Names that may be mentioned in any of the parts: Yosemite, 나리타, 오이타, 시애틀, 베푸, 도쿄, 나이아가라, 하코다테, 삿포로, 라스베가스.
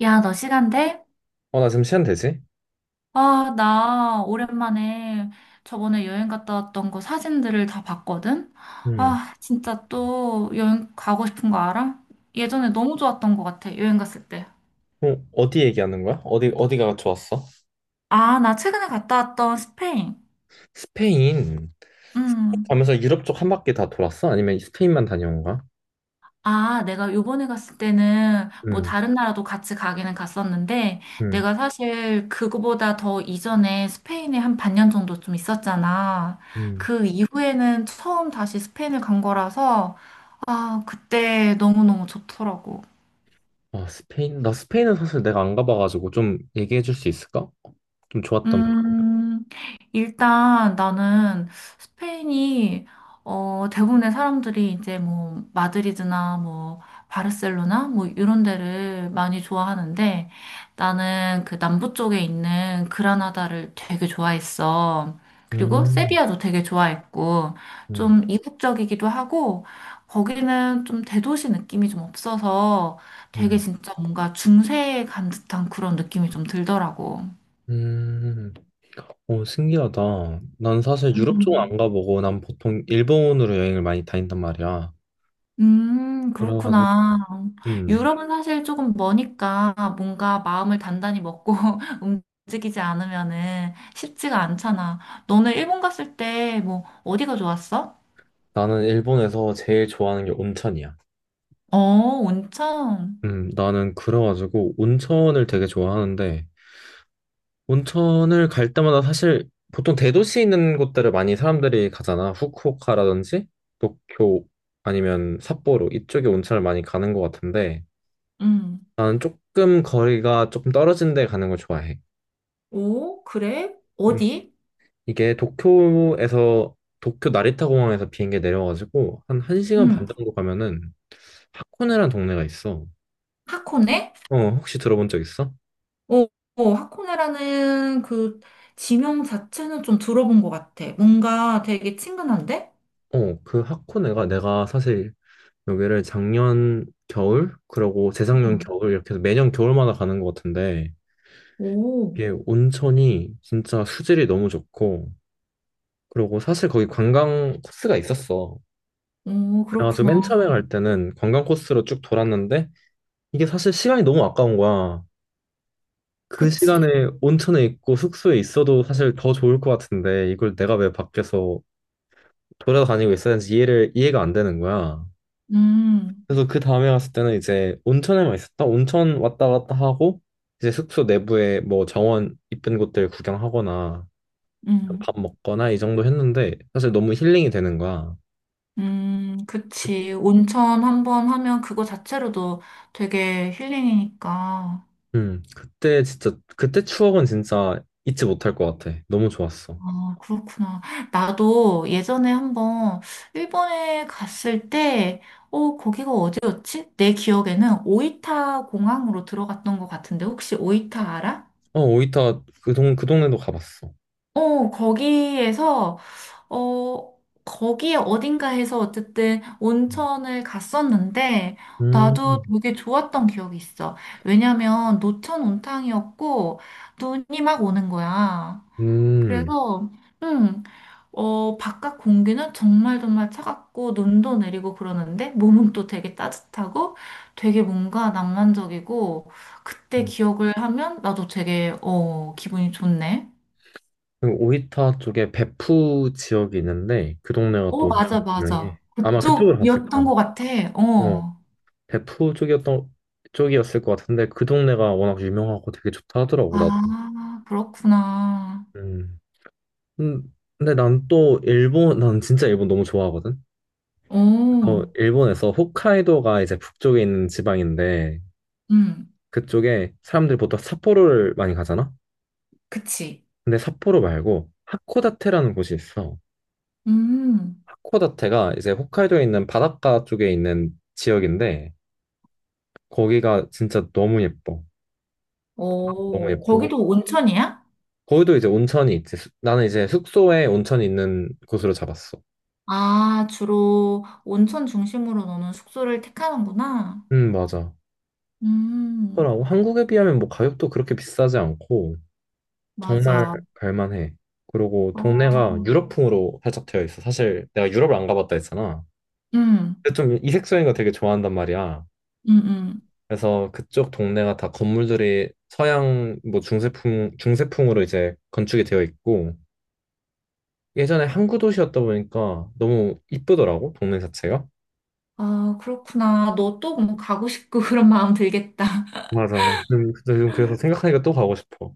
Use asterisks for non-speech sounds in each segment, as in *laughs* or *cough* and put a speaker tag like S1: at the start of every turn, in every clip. S1: 야, 너 시간 돼?
S2: 어, 나 지금 시간 되지?
S1: 아, 나 오랜만에 저번에 여행 갔다 왔던 거 사진들을 다 봤거든?
S2: 음.
S1: 아, 진짜 또 여행 가고 싶은 거 알아? 예전에 너무 좋았던 것 같아, 여행 갔을 때.
S2: 어, 어디 얘기하는 거야? 어디, 어디가 좋았어?
S1: 아, 나 최근에 갔다 왔던 스페인.
S2: 스페인
S1: 음.
S2: 가면서 유럽 쪽 한 바퀴 다 돌았어? 아니면 스페인만 다녀온 거야?
S1: 아, 내가 요번에 갔을 때는 뭐
S2: 음,
S1: 다른 나라도 같이 가기는 갔었는데
S2: 음,
S1: 내가 사실 그거보다 더 이전에 스페인에 한 반년 정도 좀 있었잖아.
S2: 음.
S1: 그 이후에는 처음 다시 스페인을 간 거라서 아, 그때 너무너무 좋더라고.
S2: 아, 스페인? 나 스페인은 사실 내가 안 가봐가지고 좀 얘기해 줄 수 있을까? 좀 좋았던 거.
S1: 음, 일단 나는 스페인이, 어, 대부분의 사람들이 이제 뭐, 마드리드나 뭐, 바르셀로나 뭐, 이런 데를 많이 좋아하는데 나는 그 남부 쪽에 있는 그라나다를 되게 좋아했어. 그리고
S2: 음,
S1: 세비야도 되게 좋아했고,
S2: 음,
S1: 좀 이국적이기도 하고, 거기는 좀 대도시 느낌이 좀 없어서 되게
S2: 음,
S1: 진짜 뭔가 중세에 간 듯한 그런 느낌이 좀 들더라고.
S2: 음. 오, 신기하다. 난 사실 유럽 쪽은 안
S1: 음.
S2: 가보고 난 보통 일본으로 여행을 많이 다닌단 말이야. 그래가지고,
S1: 그렇구나.
S2: 음.
S1: 유럽은 사실 조금 머니까 뭔가 마음을 단단히 먹고 *laughs* 움직이지 않으면은 쉽지가 않잖아. 너는 일본 갔을 때 뭐 어디가 좋았어?
S2: 나는 일본에서 제일 좋아하는 게 온천이야.
S1: 어, 온천.
S2: 나는 그래가지고 온천을 되게 좋아하는데 온천을 갈 때마다 사실 보통 대도시 있는 곳들을 많이 사람들이 가잖아. 후쿠오카라든지 도쿄 아니면 삿포로 이쪽에 온천을 많이 가는 것 같은데
S1: 음.
S2: 나는 조금 거리가 조금 떨어진 데 가는 걸 좋아해.
S1: 오, 그래?
S2: 음,
S1: 어디?
S2: 이게 도쿄에서 도쿄 나리타 공항에서 비행기 내려가지고 한 1시간
S1: 음,
S2: 반 정도 가면은 하코네란 동네가 있어.
S1: 하코네?
S2: 어, 혹시 들어본 적 있어?
S1: 오, 오, 하코네라는 그 지명 자체는 좀 들어본 것 같아. 뭔가 되게 친근한데?
S2: 어, 그 하코네가 내가 사실 여기를 작년 겨울, 그리고 재작년
S1: 음.
S2: 겨울 이렇게 해서 매년 겨울마다 가는 것 같은데
S1: 오,
S2: 이게 온천이 진짜 수질이 너무 좋고 그리고 사실 거기 관광 코스가 있었어.
S1: 오,
S2: 그래가지고
S1: 그렇구나.
S2: 맨 처음에 갈 때는 관광 코스로 쭉 돌았는데 이게 사실 시간이 너무 아까운 거야. 그
S1: 그치.
S2: 시간에 온천에 있고 숙소에 있어도 사실 더 좋을 것 같은데 이걸 내가 왜 밖에서 돌아다니고 있어야 하는지 이해를 이해가 안 되는 거야.
S1: 음.
S2: 그래서 그 다음에 갔을 때는 이제 온천에만 있었다. 온천 왔다 갔다 하고 이제 숙소 내부에 뭐 정원 이쁜 곳들 구경하거나 밥
S1: 음,
S2: 먹거나 이 정도 했는데 사실 너무 힐링이 되는 거야. 그,
S1: 그치. 온천 한번 하면 그거 자체로도 되게 힐링이니까.
S2: 그때 진짜 그때 추억은 진짜 잊지 못할 것 같아. 너무 좋았어.
S1: 아, 그렇구나. 나도 예전에 한번 일본에 갔을 때, 어, 거기가 어디였지? 내 기억에는 오이타 공항으로 들어갔던 것 같은데, 혹시 오이타 알아?
S2: 어, 오이타 그 동네도 가봤어.
S1: 어, 거기에서, 어, 거기에 어딘가에서 어쨌든 온천을 갔었는데, 나도
S2: 음,
S1: 되게 좋았던 기억이 있어. 왜냐면 노천 온탕이었고, 눈이 막 오는 거야.
S2: 음.
S1: 그래서, 음, 어, 바깥 공기는 정말 정말 차갑고, 눈도 내리고 그러는데, 몸은 또 되게 따뜻하고, 되게 뭔가 낭만적이고, 그때
S2: 음.
S1: 기억을 하면 나도 되게, 어, 기분이 좋네.
S2: 그 오이타 쪽에 베푸 지역이 있는데 그 동네가
S1: 어,
S2: 또 엄청
S1: 맞아,
S2: 유명해.
S1: 맞아.
S2: 아마 그쪽으로 갔을
S1: 그쪽이었던
S2: 거야.
S1: 것 같아.
S2: 어.
S1: 어.
S2: 대포 쪽이었던 쪽이었을 것 같은데 그 동네가 워낙 유명하고 되게 좋다 하더라고 나도.
S1: 아, 그렇구나.
S2: 음. 음, 근데 난 진짜 일본 너무 좋아하거든.
S1: 어,
S2: 어, 일본에서 홋카이도가 이제 북쪽에 있는 지방인데
S1: 음,
S2: 그쪽에 사람들이 보통 삿포로를 많이 가잖아.
S1: 그치.
S2: 근데 삿포로 말고 하코다테라는 곳이 있어.
S1: 음,
S2: 하코다테가 이제 홋카이도에 있는 바닷가 쪽에 있는 지역인데 거기가 진짜 너무 예뻐. 너무
S1: 어,
S2: 예쁘고
S1: 거기도 온천이야?
S2: 거기도 이제 온천이 있지. 나는 이제 숙소에 온천이 있는 곳으로 잡았어.
S1: 아, 주로 온천 중심으로 너는 숙소를 택하는구나.
S2: 맞아.
S1: 음,
S2: 그러고 한국에 비하면 뭐 가격도 그렇게 비싸지 않고 정말
S1: 맞아.
S2: 갈만해. 그리고 동네가
S1: 어,
S2: 유럽풍으로 살짝 되어 있어. 사실 내가 유럽을 안 가봤다 했잖아.
S1: 음,
S2: 근데 좀 이색적인 거 되게 좋아한단 말이야.
S1: 음, 음.
S2: 그래서 그쪽 동네가 다 건물들이 서양 뭐 중세풍 중세풍으로 이제 건축이 되어 있고 예전에 항구 도시였다 보니까 너무 이쁘더라고 동네 자체가.
S1: 아, 그렇구나. 너또 뭐 가고 싶고 *laughs* 그런 마음 들겠다.
S2: 맞아. 요즘 그래서 생각하니까 또 가고 싶어.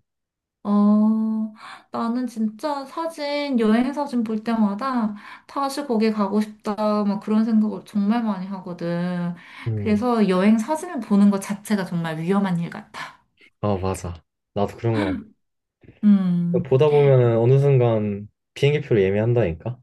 S1: 어, 나는 진짜 사진, 여행 사진 볼 때마다 다시 거기 가고 싶다, 막 그런 생각을 정말 많이 하거든.
S2: 음.
S1: 그래서 여행 사진을 보는 것 자체가 정말 위험한 일 같아.
S2: 아, 맞아. 나도 그런 거 같아.
S1: 음.
S2: 보다 보면은 어느 순간 비행기 표를 예매한다니까?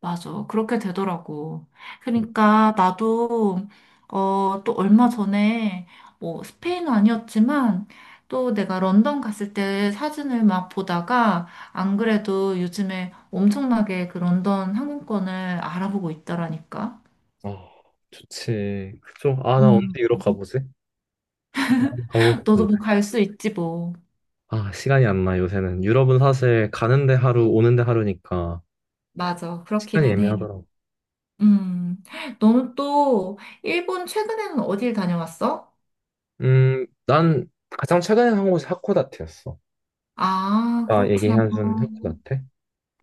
S1: 맞아. 그렇게 되더라고. 그러니까 나도, 어, 또 얼마 전에, 뭐, 스페인은 아니었지만, 또 내가 런던 갔을 때 사진을 막 보다가, 안 그래도 요즘에 엄청나게 그 런던 항공권을 알아보고 있더라니까.
S2: 아, 좋지. 그쵸 아, 나
S1: 음,
S2: 언제 유럽 가보지? 가보고
S1: 너도
S2: 싶은데.
S1: 뭐 갈 수 있지 뭐.
S2: 아, 시간이 안 나, 요새는. 유럽은 사실 가는데 하루, 오는데 하루니까
S1: 맞아.
S2: 시간이
S1: 그렇기는 해.
S2: 애매하더라고.
S1: 음, 너는 또 일본 최근에는 어딜 다녀왔어?
S2: 난 가장 최근에 한 곳이 하코다테였어.
S1: 아,
S2: 아까
S1: 그렇구나.
S2: 얘기한 순 하코다테?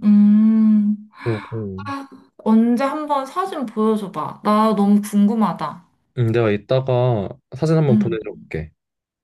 S1: 음.
S2: 그리고,
S1: 아, 언제 한번 사진 보여줘봐. 나 너무 궁금하다.
S2: 내가 이따가 사진 한번
S1: 응.
S2: 보내줄게.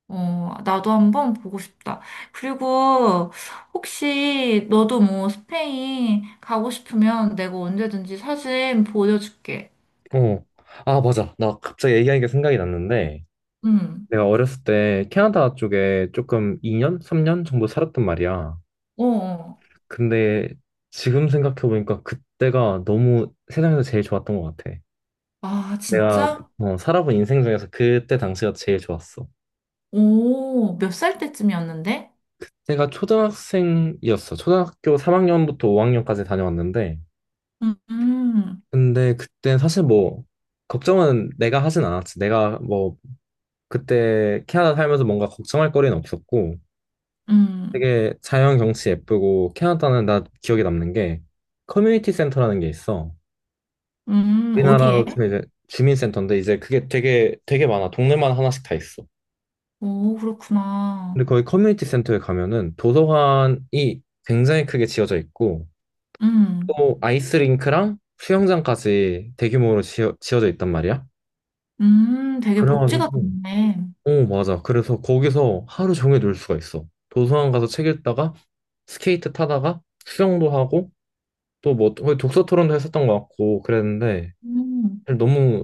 S1: 어, 나도 한번 보고 싶다. 그리고 혹시 너도 뭐 스페인 가고 싶으면 내가 언제든지 사진 보여줄게.
S2: 어. 아, 맞아. 나 갑자기 얘기하니까 생각이 났는데,
S1: 응.
S2: 내가 어렸을 때 캐나다 쪽에 조금 2년, 3년 정도 살았단 말이야.
S1: 어. 어.
S2: 근데 지금 생각해보니까 그때가 너무 세상에서 제일 좋았던 것 같아.
S1: 아,
S2: 내가
S1: 진짜?
S2: 어, 살아본 인생 중에서 그때 당시가 제일 좋았어.
S1: 오, 몇 살 때쯤이었는데?
S2: 내가 초등학생이었어. 초등학교 3학년부터 5학년까지 다녀왔는데,
S1: 음, 음,
S2: 근데 그때 사실 뭐, 걱정은 내가 하진 않았지. 내가 뭐, 그때 캐나다 살면서 뭔가 걱정할 거리는 없었고,
S1: 음,
S2: 되게 자연 경치 예쁘고 캐나다는 나 기억에 남는 게 커뮤니티 센터라는 게 있어. 우리나라로
S1: 어디에?
S2: 치면 이제 주민센터인데 이제 그게 되게 되게 많아. 동네마다 하나씩 다 있어.
S1: 오,
S2: 근데
S1: 그렇구나.
S2: 거기 커뮤니티 센터에 가면은 도서관이 굉장히 크게 지어져 있고
S1: 음,
S2: 또 아이스링크랑 수영장까지 대규모로 지어져 있단 말이야.
S1: 되게 복지가
S2: 그래가지고
S1: 좋네.
S2: 어 맞아. 그래서 거기서 하루 종일 놀 수가 있어. 도서관 가서 책 읽다가 스케이트 타다가 수영도 하고 또 뭐 독서 토론도 했었던 것 같고 그랬는데
S1: 음.
S2: 사실 너무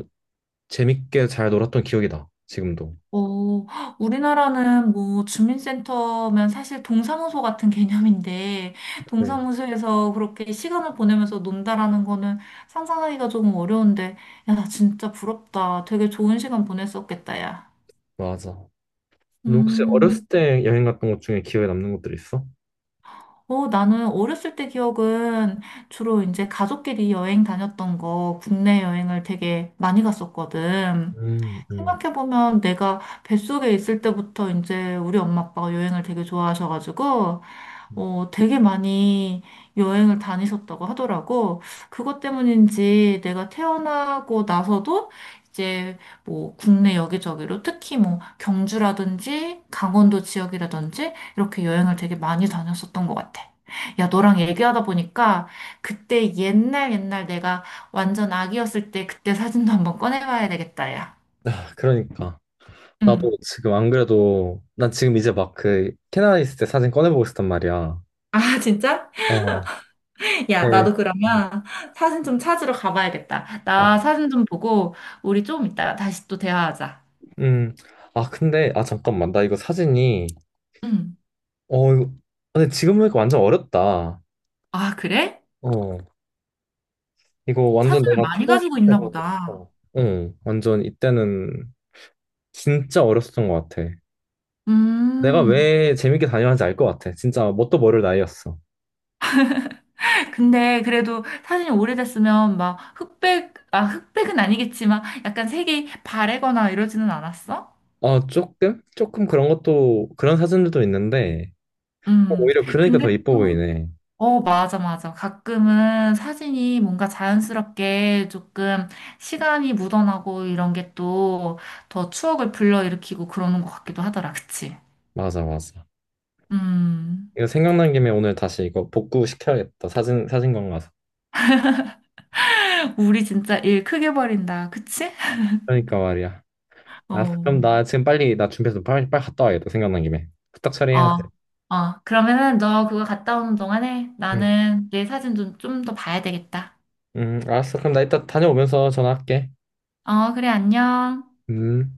S2: 재밌게 잘 놀았던 기억이 나 지금도.
S1: 어, 우리나라는 뭐 주민센터면 사실 동사무소 같은 *laughs* 개념인데,
S2: 네.
S1: 동사무소에서 그렇게 시간을 보내면서 논다라는 거는 상상하기가 조금 어려운데, 야, 나 진짜 부럽다. 되게 좋은 시간 보냈었겠다, 야.
S2: 맞아. 너 혹시 어렸을
S1: 음,
S2: 때 여행 갔던 것 중에 기억에 남는 것들 있어?
S1: 어, 나는 어렸을 때 기억은 주로 이제 가족끼리 여행 다녔던 거, 국내 여행을 되게 많이 갔었거든.
S2: 음, 음.
S1: 생각해보면 내가 뱃속에 있을 때부터 이제 우리 엄마 아빠가 여행을 되게 좋아하셔가지고, 어, 되게 많이 여행을 다니셨다고 하더라고. 그것 때문인지 내가 태어나고 나서도 이제 뭐 국내 여기저기로 특히 뭐 경주라든지 강원도 지역이라든지 이렇게 여행을 되게 많이 다녔었던 것 같아. 야, 너랑 얘기하다 보니까 그때 옛날 내가 완전 아기였을 때 그때 사진도 한번 꺼내봐야 되겠다, 야.
S2: 아, 그러니까
S1: 응.
S2: 나도 지금 안 그래도 난 지금 이제 막 그 캐나다 있을 때 사진 꺼내보고 있었단 말이야.
S1: 아, 진짜?
S2: 어. 네.
S1: 야, 나도 그러면 사진 좀 찾으러 가봐야겠다.
S2: 아,
S1: 나 사진 좀 보고 우리 좀 이따가 다시 또 대화하자.
S2: 음, 아, 근데, 아, 잠깐만, 나 이거 사진이,
S1: 응.
S2: 이거, 근데 지금 보니까 완전 어렸다.
S1: 아, 그래?
S2: 어, 이거 완전
S1: 사진을
S2: 내가
S1: 많이
S2: 초등학생
S1: 가지고
S2: 때
S1: 있나
S2: 본
S1: 보다.
S2: 거였어. 응 완전 이때는 진짜 어렸었던 것 같아. 내가
S1: 음.
S2: 왜 재밌게 다녀왔는지 알 것 같아. 진짜 뭣도 모를 나이였어.
S1: 근데 그래도 사진이 오래됐으면 막 흑백, 아, 흑백은 아니겠지만 약간 색이 바래거나 이러지는 않았어?
S2: 아 조금? 조금 그런 것도, 그런 사진들도 있는데,
S1: 음.
S2: 오히려 그러니까 더
S1: 근데
S2: 이뻐
S1: 또
S2: 보이네.
S1: 어, 맞아, 맞아. 가끔은 사진이 뭔가 자연스럽게 조금 시간이 묻어나고 이런 게 또 더 추억을 불러일으키고 그러는 것 같기도 하더라. 그치?
S2: 맞아, 맞아.
S1: 음.
S2: 이거 생각난 김에 오늘 다시 이거 복구시켜야겠다. 사진, 사진관 가서.
S1: *laughs* 우리 진짜 일 크게 벌인다. 그치?
S2: 그러니까 말이야. 아, 그럼
S1: 어.
S2: 나 지금 빨리, 나 준비해서 빨리, 빨리 갔다 와야겠다. 생각난 김에. 후딱 처리해야 돼.
S1: 어. 어. 그러면은 너 그거 갔다 오는 동안에
S2: 응,
S1: 나는 내 사진 좀, 좀 더 봐야 되겠다.
S2: 응, 알았어. 그럼 나 이따 다녀오면서 전화할게.
S1: 어, 그래, 안녕.
S2: 음.